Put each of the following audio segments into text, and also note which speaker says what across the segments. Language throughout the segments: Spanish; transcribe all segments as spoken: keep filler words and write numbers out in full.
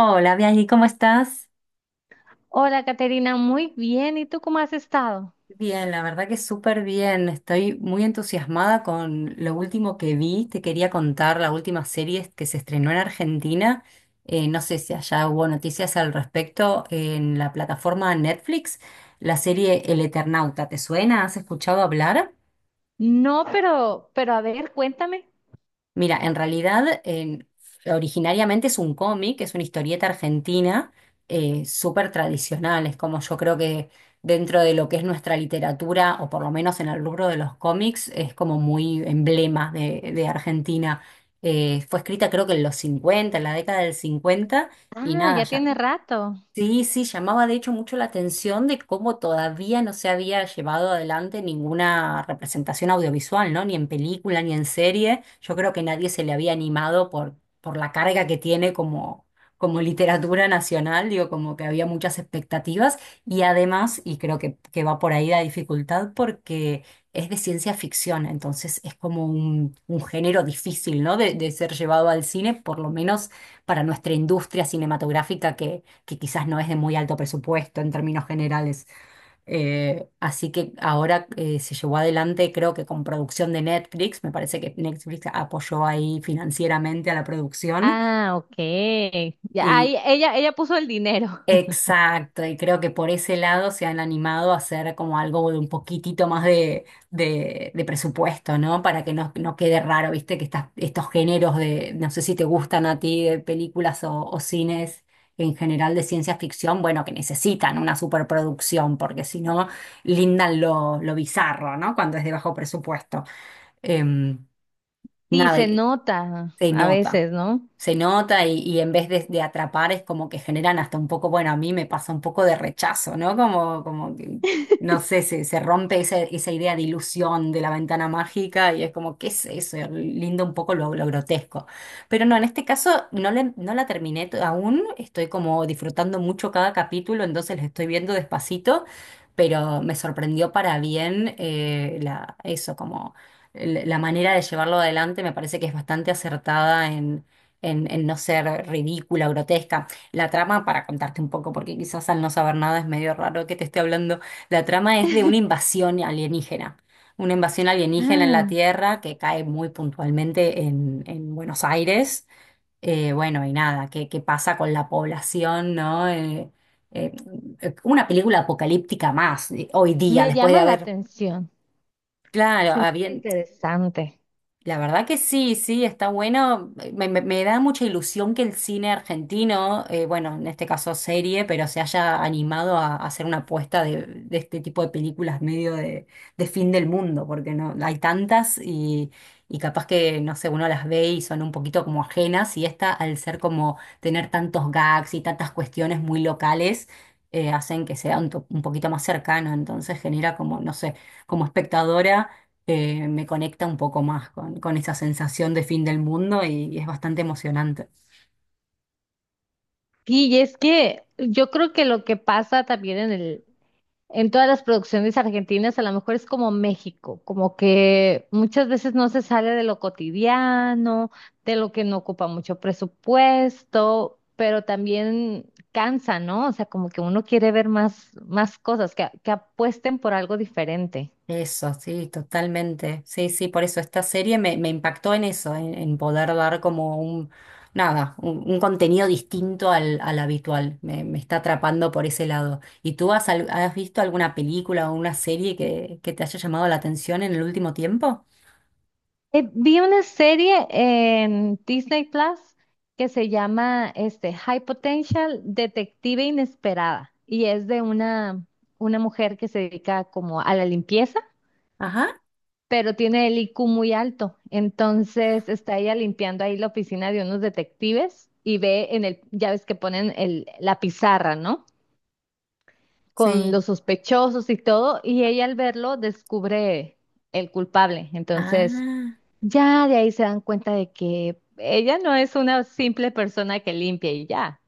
Speaker 1: Hola, Bianchi, ¿cómo estás?
Speaker 2: Hola, Caterina, muy bien. ¿Y tú cómo has estado?
Speaker 1: Bien, la verdad que súper bien. Estoy muy entusiasmada con lo último que vi. Te quería contar la última serie que se estrenó en Argentina. Eh, no sé si allá hubo noticias al respecto en la plataforma Netflix. La serie El Eternauta, ¿te suena? ¿Has escuchado hablar?
Speaker 2: No, pero, pero a ver, cuéntame.
Speaker 1: Mira, en realidad en- originariamente es un cómic, es una historieta argentina eh, súper tradicional, es como yo creo que dentro de lo que es nuestra literatura, o por lo menos en el rubro de los cómics, es como muy emblema de, de Argentina. Eh, fue escrita creo que en los cincuenta, en la década del cincuenta, y
Speaker 2: Ah,
Speaker 1: nada,
Speaker 2: ya
Speaker 1: ya.
Speaker 2: tiene rato.
Speaker 1: Sí, sí, llamaba de hecho mucho la atención de cómo todavía no se había llevado adelante ninguna representación audiovisual, ¿no? Ni en película, ni en serie. Yo creo que nadie se le había animado por, por la carga que tiene como, como literatura nacional, digo, como que había muchas expectativas. Y además, y creo que, que va por ahí la dificultad, porque es de ciencia ficción, entonces es como un, un género difícil, ¿no? De, de ser llevado al cine, por lo menos para nuestra industria cinematográfica que quizás no es de muy alto presupuesto en términos generales. Eh, así que ahora eh, se llevó adelante, creo que con producción de Netflix, me parece que Netflix apoyó ahí financieramente a la producción.
Speaker 2: Ah, ok. Ya, ahí, ella, ella puso el dinero.
Speaker 1: Exacto, y creo que por ese lado se han animado a hacer como algo de un poquitito más de, de, de presupuesto, ¿no? Para que no, no quede raro, viste, que estas, estos géneros de, no sé si te gustan a ti, de películas o, o cines en general de ciencia ficción, bueno, que necesitan una superproducción, porque si no, lindan lo, lo bizarro, ¿no? Cuando es de bajo presupuesto. Em,
Speaker 2: Sí,
Speaker 1: nada,
Speaker 2: se nota
Speaker 1: Se
Speaker 2: a
Speaker 1: nota,
Speaker 2: veces, ¿no?
Speaker 1: se nota y, y en vez de, de atrapar es como que generan hasta un poco, bueno, a mí me pasa un poco de rechazo, ¿no? Como, como que, no sé, se, se rompe esa, esa idea de ilusión de la ventana mágica y es como, ¿qué es eso? Linda un poco lo, lo grotesco. Pero no, en este caso no, le- no la terminé to- aún, estoy como disfrutando mucho cada capítulo, entonces la estoy viendo despacito, pero me sorprendió para bien eh, la, eso, el- la manera de llevarlo adelante me parece que es bastante acertada en, en, en no ser ridícula, grotesca. La trama, para contarte un poco, porque quizás al no saber nada es medio raro que te esté hablando, la trama es de una invasión alienígena. Una invasión alienígena en la
Speaker 2: Ah,
Speaker 1: Tierra que cae muy puntualmente en, en Buenos Aires. Eh, bueno, y nada, ¿qué, qué pasa con la población, ¿no? Eh, eh, una película apocalíptica más eh, hoy día,
Speaker 2: me
Speaker 1: después de
Speaker 2: llama la
Speaker 1: haber,
Speaker 2: atención.
Speaker 1: claro,
Speaker 2: Se me
Speaker 1: había-
Speaker 2: hace interesante.
Speaker 1: la verdad que sí, sí, está bueno. Me, me- me da mucha ilusión que el cine argentino, eh, bueno, en este caso serie, pero se haya animado a, a hacer una apuesta de, de este tipo de películas medio de, de fin del mundo, porque no hay tantas y, y capaz que, no sé, uno las ve y son un poquito como ajenas y esta, al ser como tener tantos gags y tantas cuestiones muy locales, eh, hacen que sea un, to- un poquito más cercano, entonces genera como, no sé, como espectadora eh, me conecta un poco más con, con esa sensación de fin del mundo y, y es bastante emocionante.
Speaker 2: Sí, y es que yo creo que lo que pasa también en el, en todas las producciones argentinas, a lo mejor es como México, como que muchas veces no se sale de lo cotidiano, de lo que no ocupa mucho presupuesto, pero también cansa, ¿no? O sea, como que uno quiere ver más, más cosas, que, que apuesten por algo diferente.
Speaker 1: Eso, sí, totalmente. Sí, sí, por eso esta serie me, me impactó en eso, en, en poder dar como un, nada, un, un contenido distinto al, al habitual. Me, me está atrapando por ese lado. ¿Y tú has, al- has visto alguna película o una serie que, que te haya llamado la atención en el último tiempo?
Speaker 2: Eh, vi una serie en Disney Plus que se llama este, High Potential Detective Inesperada, y es de una, una mujer que se dedica como a la limpieza,
Speaker 1: Ajá,
Speaker 2: pero tiene el I Q muy alto. Entonces está ella limpiando ahí la oficina de unos detectives y ve en el, ya ves que ponen el, la pizarra, ¿no? Con
Speaker 1: sí.
Speaker 2: los sospechosos y todo, y ella al verlo descubre el culpable. Entonces
Speaker 1: Ah,
Speaker 2: ya de ahí se dan cuenta de que ella no es una simple persona que limpia y ya.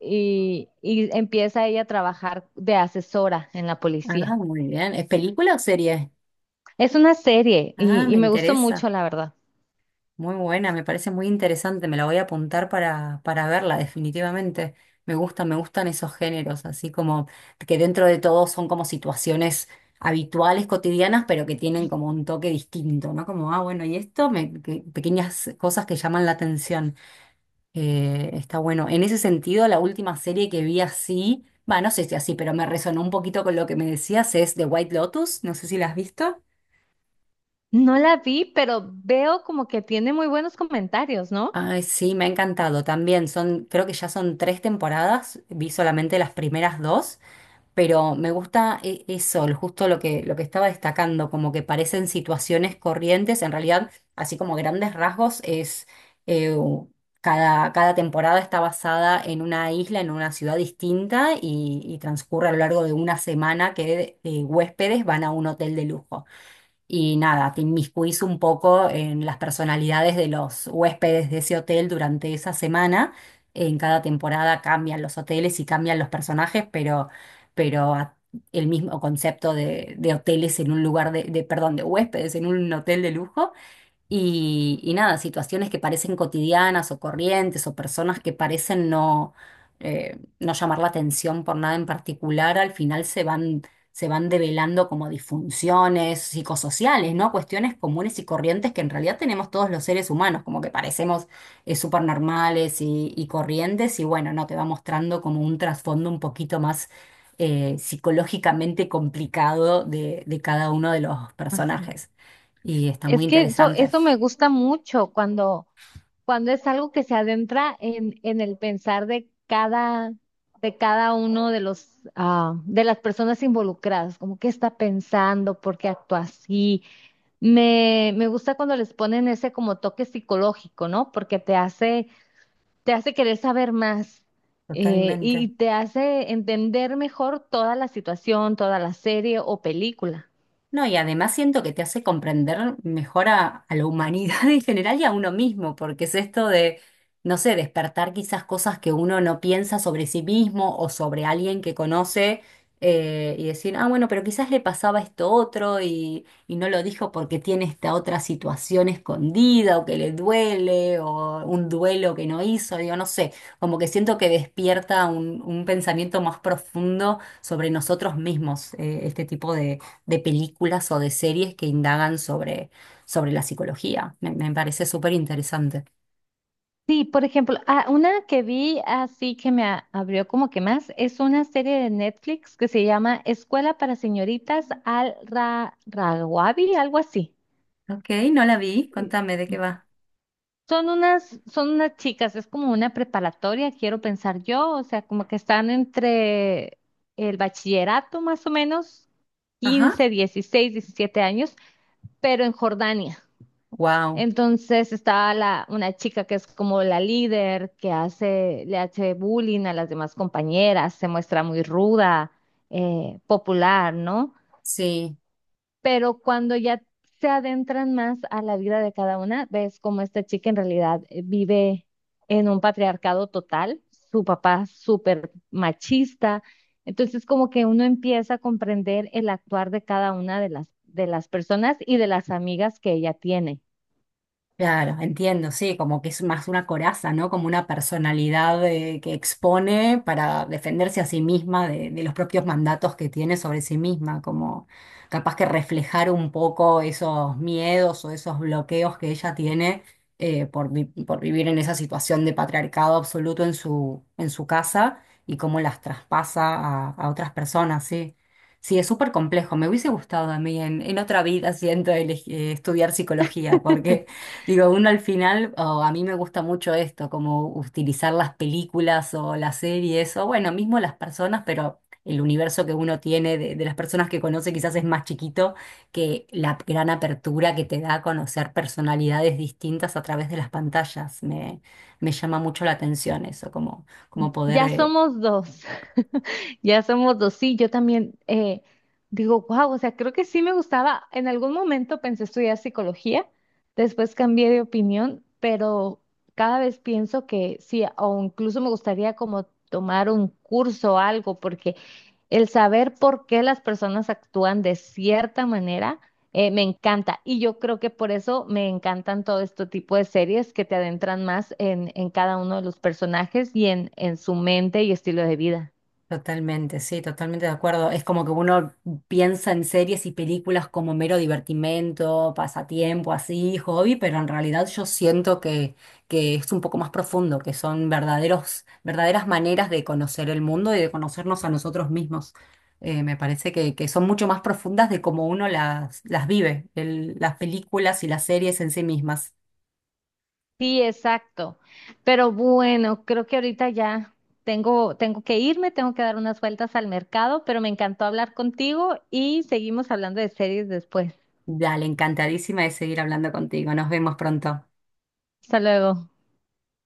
Speaker 2: Y, y empieza ella a trabajar de asesora en la
Speaker 1: ah,
Speaker 2: policía.
Speaker 1: muy bien. ¿Es película o serie?
Speaker 2: Es una serie
Speaker 1: Ah,
Speaker 2: y y
Speaker 1: me
Speaker 2: me gustó
Speaker 1: interesa.
Speaker 2: mucho, la verdad.
Speaker 1: Muy buena, me parece muy interesante, me la voy a apuntar para, para verla, definitivamente. Me gustan, me gustan esos géneros, así como que dentro de todo son como situaciones habituales, cotidianas, pero que tienen como un toque distinto, ¿no? Como, ah, bueno, y esto, me, que- pequeñas cosas que llaman la atención. Eh, está bueno. En ese sentido, la última serie que vi así, va, no sé si así, pero me resonó un poquito con lo que me decías, es The White Lotus, no sé si la has visto.
Speaker 2: No la vi, pero veo como que tiene muy buenos comentarios, ¿no?
Speaker 1: Ay, sí, me ha encantado también. Son, creo que ya son tres temporadas. Vi solamente las primeras dos, pero me gusta e- eso, el- justo lo que, lo que estaba destacando, como que parecen situaciones corrientes. En realidad, así como grandes rasgos, es eh, u- cada, cada temporada está basada en una isla, en una ciudad distinta y, y transcurre a lo largo de una semana que eh, huéspedes van a un hotel de lujo y nada, te inmiscuís un poco en las personalidades de los huéspedes de ese hotel durante esa semana. En cada temporada cambian los hoteles y cambian los personajes, pero, pero a- el mismo concepto de, de hoteles en un lugar de, de, perdón, de huéspedes en un hotel de lujo. Y, y nada, situaciones que parecen cotidianas o corrientes o personas que parecen no, eh, no llamar la atención por nada en particular, al final se van, se van develando como disfunciones psicosociales, ¿no? Cuestiones comunes y corrientes que en realidad tenemos todos los seres humanos, como que parecemos eh, súper normales y, y corrientes, y bueno, no, te va mostrando como un trasfondo un poquito más eh, psicológicamente complicado de, de cada uno de los
Speaker 2: Ajá.
Speaker 1: personajes. Y está muy
Speaker 2: Es que eso,
Speaker 1: interesante.
Speaker 2: eso me gusta mucho cuando, cuando es algo que se adentra en, en el pensar de cada, de cada uno de los, ah, de las personas involucradas, como qué está pensando, por qué actúa así. Me, me gusta cuando les ponen ese como toque psicológico, ¿no? Porque te hace te hace querer saber más, eh, y
Speaker 1: Totalmente.
Speaker 2: te hace entender mejor toda la situación, toda la serie o película.
Speaker 1: No, y además siento que te hace comprender mejor a, a la humanidad en general y a uno mismo, porque es esto de, no sé, despertar quizás cosas que uno no piensa sobre sí mismo o sobre alguien que conoce eh, y decir, ah, bueno, pero quizás le pasaba esto otro y, y no lo dijo porque tiene esta otra situación escondida o que le duele o un duelo que no hizo, digo, no sé, como que siento que despierta un, un pensamiento más profundo sobre nosotros mismos, eh, este tipo de películas o de series que indagan sobre, sobre la psicología. Me, me parece súper interesante.
Speaker 2: Sí, por ejemplo, ah, una que vi así que me a- abrió como que más, es una serie de Netflix que se llama Escuela para Señoritas Al Ra Rawabi, algo así.
Speaker 1: Ok, no la vi,
Speaker 2: Y
Speaker 1: contame de qué va.
Speaker 2: son unas, son unas chicas, es como una preparatoria, quiero pensar yo, o sea, como que están entre el bachillerato más o menos,
Speaker 1: Ajá,
Speaker 2: quince, dieciséis, diecisiete años, pero en Jordania.
Speaker 1: wow,
Speaker 2: Entonces estaba la, una chica que es como la líder, que hace, le hace bullying a las demás compañeras, se muestra muy ruda, eh, popular, ¿no?
Speaker 1: sí.
Speaker 2: Pero cuando ya se adentran más a la vida de cada una, ves cómo esta chica en realidad eh, vive en un patriarcado total, su papá súper machista. Entonces como que uno empieza a comprender el actuar de cada una de las, de las personas y de las amigas que ella tiene.
Speaker 1: Claro, entiendo, sí, como que es más una coraza, ¿no? Como una personalidad eh, que expone para defenderse a sí misma de, de los propios mandatos que tiene sobre sí misma, como capaz que reflejar un poco esos miedos o esos bloqueos que ella tiene eh, por, vi- por vivir en esa situación de patriarcado absoluto en su, en su casa y cómo las traspasa a, a otras personas, sí. Sí, es súper complejo. Me hubiese gustado a mí en, en otra vida, siento, elegi- eh, estudiar psicología, porque digo, uno al final, o a mí me gusta mucho esto, como utilizar las películas o las series, o bueno, mismo las personas, pero el universo que uno tiene de, de las personas que conoce quizás es más chiquito que la gran apertura que te da a conocer personalidades distintas a través de las pantallas. Me, me llama mucho la atención eso, como, como poder
Speaker 2: Ya
Speaker 1: eh,
Speaker 2: somos dos, ya somos dos. Sí, yo también eh, digo, wow. O sea, creo que sí me gustaba. En algún momento pensé estudiar psicología, después cambié de opinión, pero cada vez pienso que sí, o incluso me gustaría como tomar un curso o algo, porque el saber por qué las personas actúan de cierta manera, eh, me encanta. Y yo creo que por eso me encantan todo este tipo de series que te adentran más en, en cada uno de los personajes y en, en su mente y estilo de vida.
Speaker 1: totalmente, sí, totalmente de acuerdo. Es como que uno piensa en series y películas como mero divertimento, pasatiempo, así, hobby, pero en realidad yo siento que, que es un poco más profundo, que son verdaderos, verdaderas maneras de conocer el mundo y de conocernos a nosotros mismos. Eh, me parece que, que son mucho más profundas de cómo uno las, las vive, el- las películas y las series en sí mismas.
Speaker 2: Sí, exacto. Pero bueno, creo que ahorita ya tengo, tengo que irme, tengo que dar unas vueltas al mercado, pero me encantó hablar contigo y seguimos hablando de series después.
Speaker 1: Dale, encantadísima de seguir hablando contigo. Nos vemos pronto.
Speaker 2: Hasta luego.